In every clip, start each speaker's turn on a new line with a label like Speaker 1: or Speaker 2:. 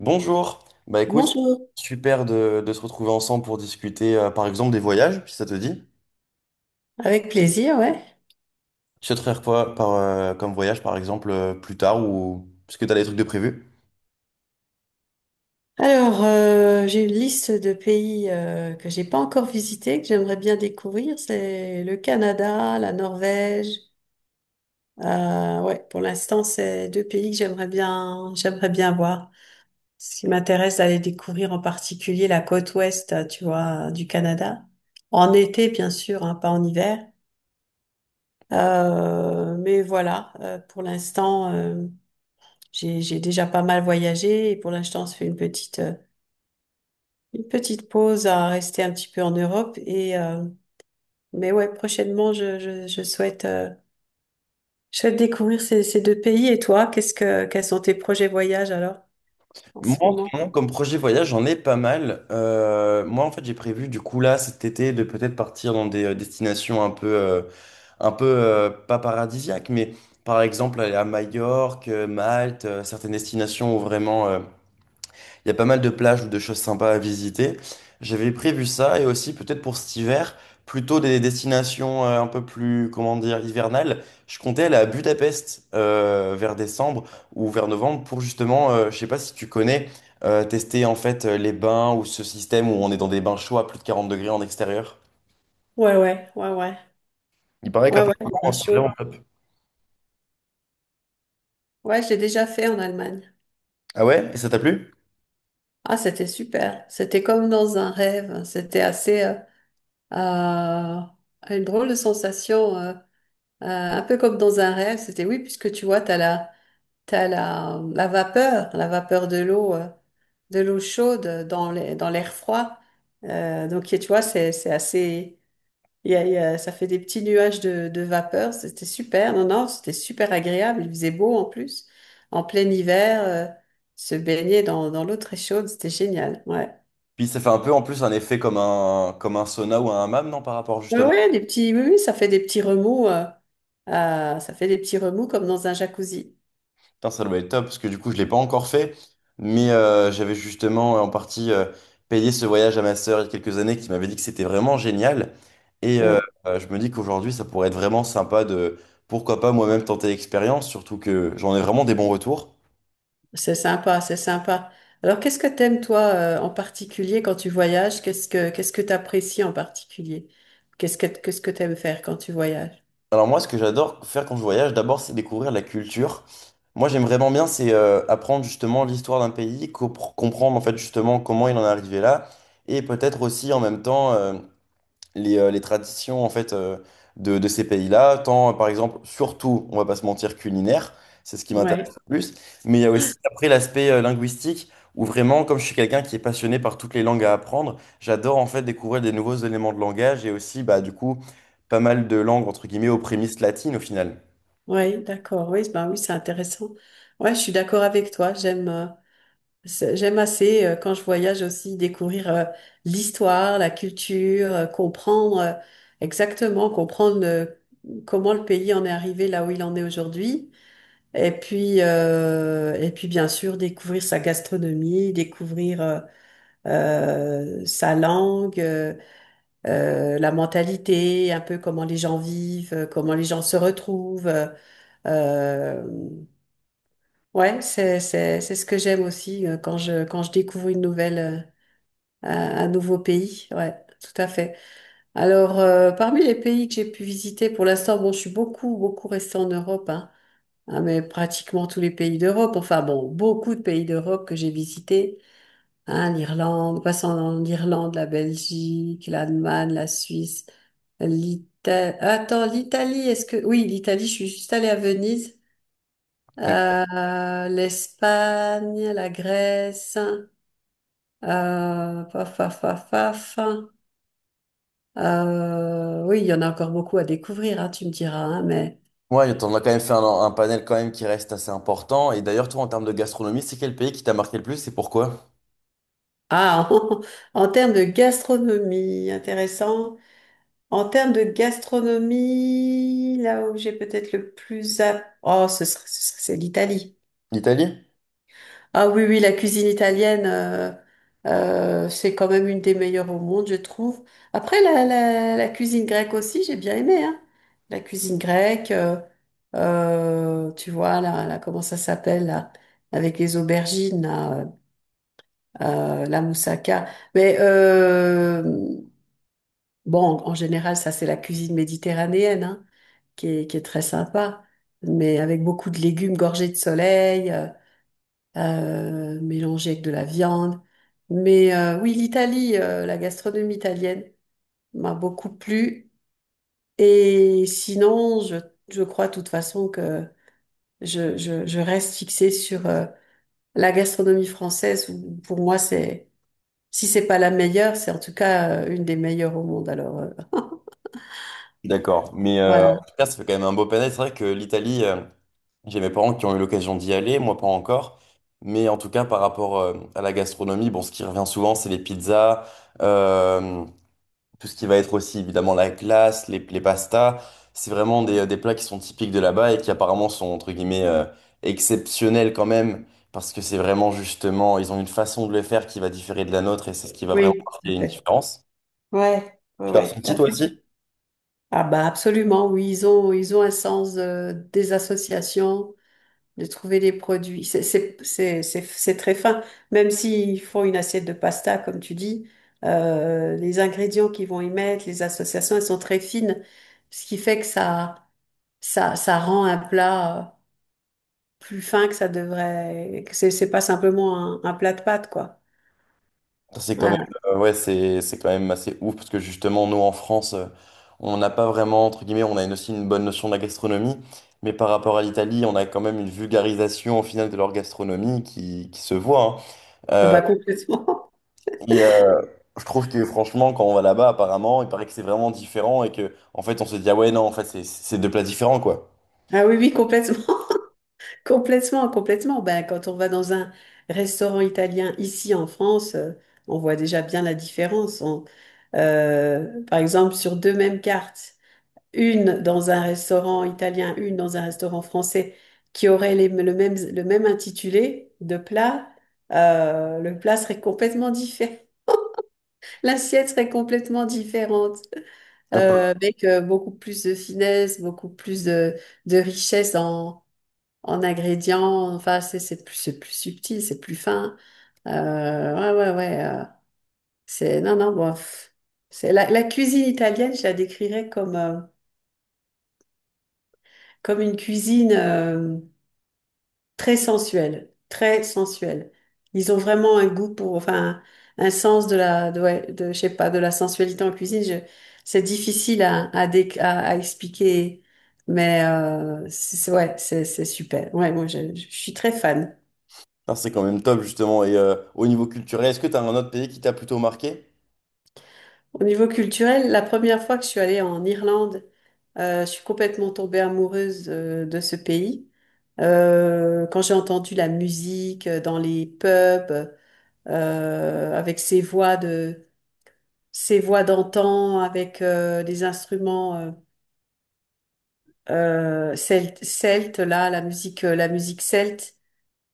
Speaker 1: Bonjour, bah écoute,
Speaker 2: Bonjour,
Speaker 1: super de se retrouver ensemble pour discuter par exemple des voyages, si ça te dit.
Speaker 2: avec plaisir, ouais.
Speaker 1: Tu souhaiterais faire quoi par, comme voyage par exemple plus tard ou parce que tu as des trucs de prévu?
Speaker 2: Alors, j'ai une liste de pays que j'ai pas encore visités, que j'aimerais bien découvrir. C'est le Canada, la Norvège. Ouais, pour l'instant, c'est deux pays que j'aimerais bien voir. Ce qui m'intéresse, d'aller découvrir en particulier la côte ouest, tu vois, du Canada. En été, bien sûr, hein, pas en hiver. Mais voilà, pour l'instant, j'ai déjà pas mal voyagé et pour l'instant, on se fait une petite une petite pause à rester un petit peu en Europe et mais ouais, prochainement je souhaite découvrir ces deux pays. Et toi, qu'est-ce que quels sont tes projets voyages alors en
Speaker 1: Moi
Speaker 2: ce
Speaker 1: en ce
Speaker 2: moment?
Speaker 1: moment, comme projet voyage, j'en ai pas mal. Moi en fait j'ai prévu du coup là cet été de peut-être partir dans des destinations un peu, pas paradisiaques, mais par exemple aller à Majorque, Malte, certaines destinations où vraiment, il y a pas mal de plages ou de choses sympas à visiter. J'avais prévu ça et aussi peut-être pour cet hiver, plutôt des destinations un peu plus, comment dire, hivernales. Je comptais aller à Budapest vers décembre ou vers novembre pour justement, je sais pas si tu connais, tester en fait les bains ou ce système où on est dans des bains chauds à plus de 40 degrés en extérieur.
Speaker 2: Ouais, ouais, ouais, ouais,
Speaker 1: Il paraît
Speaker 2: ouais, ouais, c'est
Speaker 1: qu'apparemment,
Speaker 2: pas
Speaker 1: c'est
Speaker 2: chaud.
Speaker 1: vraiment top.
Speaker 2: Ouais, j'ai déjà fait en Allemagne.
Speaker 1: Ah ouais? Et ça t'a plu?
Speaker 2: Ah, c'était super. C'était comme dans un rêve. C'était assez euh, une drôle de sensation, un peu comme dans un rêve. C'était oui puisque tu vois t'as la, la vapeur de l'eau chaude dans l'air froid. Donc, tu vois, c'est assez, ça fait des petits nuages de vapeur. C'était super. Non, non, c'était super agréable. Il faisait beau en plus. En plein hiver, se baigner dans l'eau très chaude, c'était génial. Ouais.
Speaker 1: Puis ça fait un peu en plus un effet comme comme un sauna ou un hammam, non, par rapport
Speaker 2: Ouais,
Speaker 1: justement.
Speaker 2: ouais, des petits, oui, oui, ça fait des petits remous, ça fait des petits remous comme dans un jacuzzi.
Speaker 1: Putain, ça doit être top, parce que du coup, je l'ai pas encore fait, mais j'avais justement en partie, payé ce voyage à ma sœur il y a quelques années, qui m'avait dit que c'était vraiment génial. Et euh, je me dis qu'aujourd'hui, ça pourrait être vraiment sympa de, pourquoi pas moi-même tenter l'expérience, surtout que j'en ai vraiment des bons retours.
Speaker 2: C'est sympa, c'est sympa. Alors, qu'est-ce que t'aimes, toi, en particulier quand tu voyages? Qu'est-ce que t'apprécies en particulier? Qu'est-ce que t'aimes faire quand tu voyages?
Speaker 1: Alors moi, ce que j'adore faire quand je voyage, d'abord, c'est découvrir la culture. Moi, j'aime vraiment bien, c'est apprendre justement l'histoire d'un pays, comprendre en fait justement comment il en est arrivé là, et peut-être aussi en même temps, les traditions en fait de ces pays-là, tant par exemple, surtout, on va pas se mentir, culinaire, c'est ce qui m'intéresse
Speaker 2: Ouais,
Speaker 1: le plus, mais il y a aussi après l'aspect linguistique où vraiment, comme je suis quelqu'un qui est passionné par toutes les langues à apprendre, j'adore en fait découvrir des nouveaux éléments de langage et aussi bah du coup pas mal de langues entre guillemets aux prémices latines au final.
Speaker 2: ouais, d'accord. Oui, ben oui, c'est intéressant. Ouais, je suis d'accord avec toi. J'aime. J'aime assez, quand je voyage aussi, découvrir l'histoire, la culture, comprendre exactement, comprendre comment le pays en est arrivé là où il en est aujourd'hui. Et puis bien sûr, découvrir sa gastronomie, découvrir sa langue, la mentalité, un peu comment les gens vivent, comment les gens se retrouvent. Euh, ouais, c'est ce que j'aime aussi quand quand je découvre un, un nouveau pays, ouais, tout à fait. Alors, parmi les pays que j'ai pu visiter pour l'instant, bon, je suis beaucoup restée en Europe, hein, hein, mais pratiquement tous les pays d'Europe, enfin bon, beaucoup de pays d'Europe que j'ai visités, hein, l'Irlande, passant en Irlande, la Belgique, l'Allemagne, la Suisse, l'Italie. Attends, l'Italie, est-ce que... Oui, l'Italie, je suis juste allée à Venise.
Speaker 1: Donc
Speaker 2: L'Espagne, la Grèce, hein, paf, paf, paf, paf. Hein. Oui, il y en a encore beaucoup à découvrir, hein, tu me diras, hein, mais
Speaker 1: moi, on a quand même fait un panel quand même qui reste assez important. Et d'ailleurs, toi, en termes de gastronomie, c'est quel pays qui t'a marqué le plus et pourquoi?
Speaker 2: ah, en termes de gastronomie, intéressant. En termes de gastronomie, là où j'ai peut-être le plus à... Oh, c'est l'Italie.
Speaker 1: L'Italie?
Speaker 2: Ah oui, oui, la cuisine italienne, c'est quand même une des meilleures au monde, je trouve. Après, la cuisine grecque aussi, j'ai bien aimé, hein. La cuisine grecque, tu vois, là, comment ça s'appelle, là, avec les aubergines, là, la moussaka. Mais euh, bon, en général, ça, c'est la cuisine méditerranéenne, hein, qui est très sympa, mais avec beaucoup de légumes gorgés de soleil. Mélangé avec de la viande. Oui, l'Italie, la gastronomie italienne m'a beaucoup plu. Et sinon, je crois de toute façon que je reste fixée sur la gastronomie française, où pour moi, c'est, si c'est pas la meilleure, c'est en tout cas une des meilleures au monde.
Speaker 1: D'accord, mais en
Speaker 2: Voilà.
Speaker 1: tout cas, ça fait quand même un beau panel. C'est vrai que l'Italie, j'ai mes parents qui ont eu l'occasion d'y aller, moi pas encore. Mais en tout cas, par rapport à la gastronomie, bon, ce qui revient souvent, c'est les pizzas, euh, tout ce qui va être aussi évidemment la glace, les pastas. C'est vraiment des plats qui sont typiques de là-bas et qui apparemment sont entre guillemets exceptionnels quand même, parce que c'est vraiment justement, ils ont une façon de le faire qui va différer de la nôtre et c'est ce qui va vraiment
Speaker 2: Oui, tout
Speaker 1: marquer une
Speaker 2: à fait.
Speaker 1: différence.
Speaker 2: Ouais, ouais,
Speaker 1: Tu l'as
Speaker 2: ouais, tout
Speaker 1: ressenti
Speaker 2: à
Speaker 1: toi
Speaker 2: fait.
Speaker 1: aussi?
Speaker 2: Ah bah absolument, oui, ils ont un sens des associations. De trouver des produits. C'est très fin. Même s'ils font une assiette de pasta, comme tu dis, les ingrédients qu'ils vont y mettre, les associations, elles sont très fines, ce qui fait que ça rend un plat plus fin que ça devrait. Que c'est pas simplement un plat de pâtes, quoi.
Speaker 1: C'est quand même,
Speaker 2: Voilà.
Speaker 1: ouais, c'est quand même assez ouf parce que justement, nous en France, on n'a pas vraiment, entre guillemets, on a aussi une bonne notion de la gastronomie, mais par rapport à l'Italie, on a quand même une vulgarisation au final de leur gastronomie qui se voit, hein.
Speaker 2: Ah
Speaker 1: Euh,
Speaker 2: bah complètement.
Speaker 1: et euh, je trouve que franchement, quand on va là-bas, apparemment, il paraît que c'est vraiment différent et que, en fait, on se dit, ah ouais, non, en fait, c'est deux plats différents, quoi.
Speaker 2: Ah oui, oui, complètement. Complètement, complètement. Ben, quand on va dans un restaurant italien ici en France, on voit déjà bien la différence. Par exemple, sur deux mêmes cartes, une dans un restaurant italien, une dans un restaurant français, qui aurait le même intitulé de plat, le plat serait complètement différent. L'assiette serait complètement différente,
Speaker 1: Un peu.
Speaker 2: avec beaucoup plus de finesse, beaucoup plus de richesse en ingrédients. Enfin, c'est plus, c'est plus subtil, c'est plus fin. Ouais, ouais, ouais. C'est Non, non. Bon, pff, c'est la cuisine italienne. Je la décrirais comme comme une cuisine très sensuelle, très sensuelle. Ils ont vraiment un goût pour, enfin, un sens ouais, de, je sais pas, de la sensualité en cuisine. C'est difficile à expliquer, ouais, c'est super. Ouais, moi, je suis très fan.
Speaker 1: Ah, c'est quand même top, justement. Et au niveau culturel, est-ce que tu as un autre pays qui t'a plutôt marqué?
Speaker 2: Au niveau culturel, la première fois que je suis allée en Irlande, je suis complètement tombée amoureuse de ce pays. Quand j'ai entendu la musique dans les pubs, avec ces voix de, ces voix d'antan, avec des instruments celtes, là, la musique celte,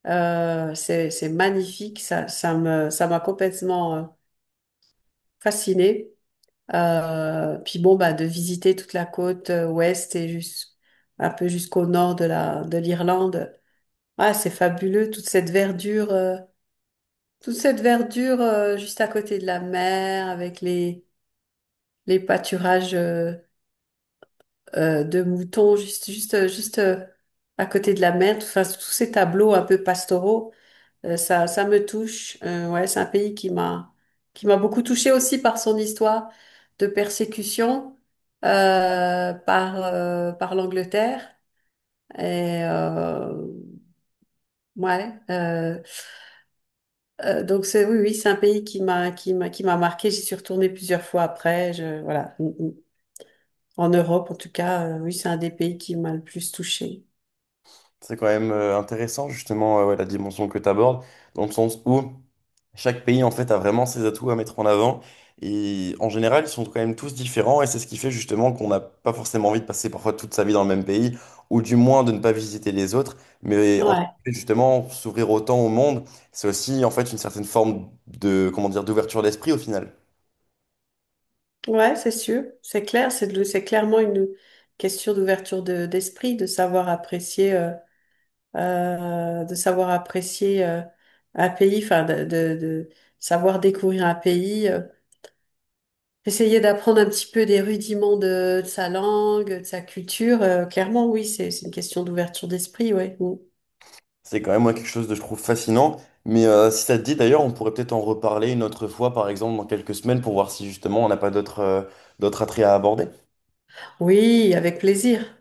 Speaker 2: c'est magnifique. Ça m'a complètement fascinée. Puis bon, bah, de visiter toute la côte ouest et juste un peu jusqu'au nord de l'Irlande. Ah, c'est fabuleux, toute cette verdure juste à côté de la mer, avec les pâturages de moutons, juste à côté de la mer, enfin, tous ces tableaux un peu pastoraux. Ça me touche. Ouais, c'est un pays qui m'a beaucoup touchée aussi par son histoire de persécution par l'Angleterre. Et ouais, donc c'est Oui, oui, c'est un pays qui m'a marqué. J'y suis retournée plusieurs fois après. Je Voilà. En Europe, en tout cas, oui, c'est un des pays qui m'a le plus touchée.
Speaker 1: C'est quand même intéressant justement ouais, la dimension que tu abordes, dans le sens où chaque pays en fait a vraiment ses atouts à mettre en avant. Et en général, ils sont quand même tous différents et c'est ce qui fait justement qu'on n'a pas forcément envie de passer parfois toute sa vie dans le même pays, ou du moins de ne pas visiter les autres. Mais en
Speaker 2: Ouais,
Speaker 1: fait, justement, s'ouvrir autant au monde, c'est aussi en fait une certaine forme de, comment dire, d'ouverture d'esprit au final.
Speaker 2: ouais, c'est sûr, c'est clair, c'est clairement une question d'esprit, de savoir apprécier un pays, enfin, de savoir découvrir un pays. Essayer d'apprendre un petit peu des rudiments de sa langue, de sa culture, clairement, oui, c'est une question d'ouverture d'esprit, ouais. Mm.
Speaker 1: C'est quand même moi, quelque chose de je trouve fascinant. Mais si ça te dit d'ailleurs, on pourrait peut-être en reparler une autre fois, par exemple, dans quelques semaines, pour voir si justement on n'a pas d'autres d'autres attraits à aborder.
Speaker 2: Oui, avec plaisir.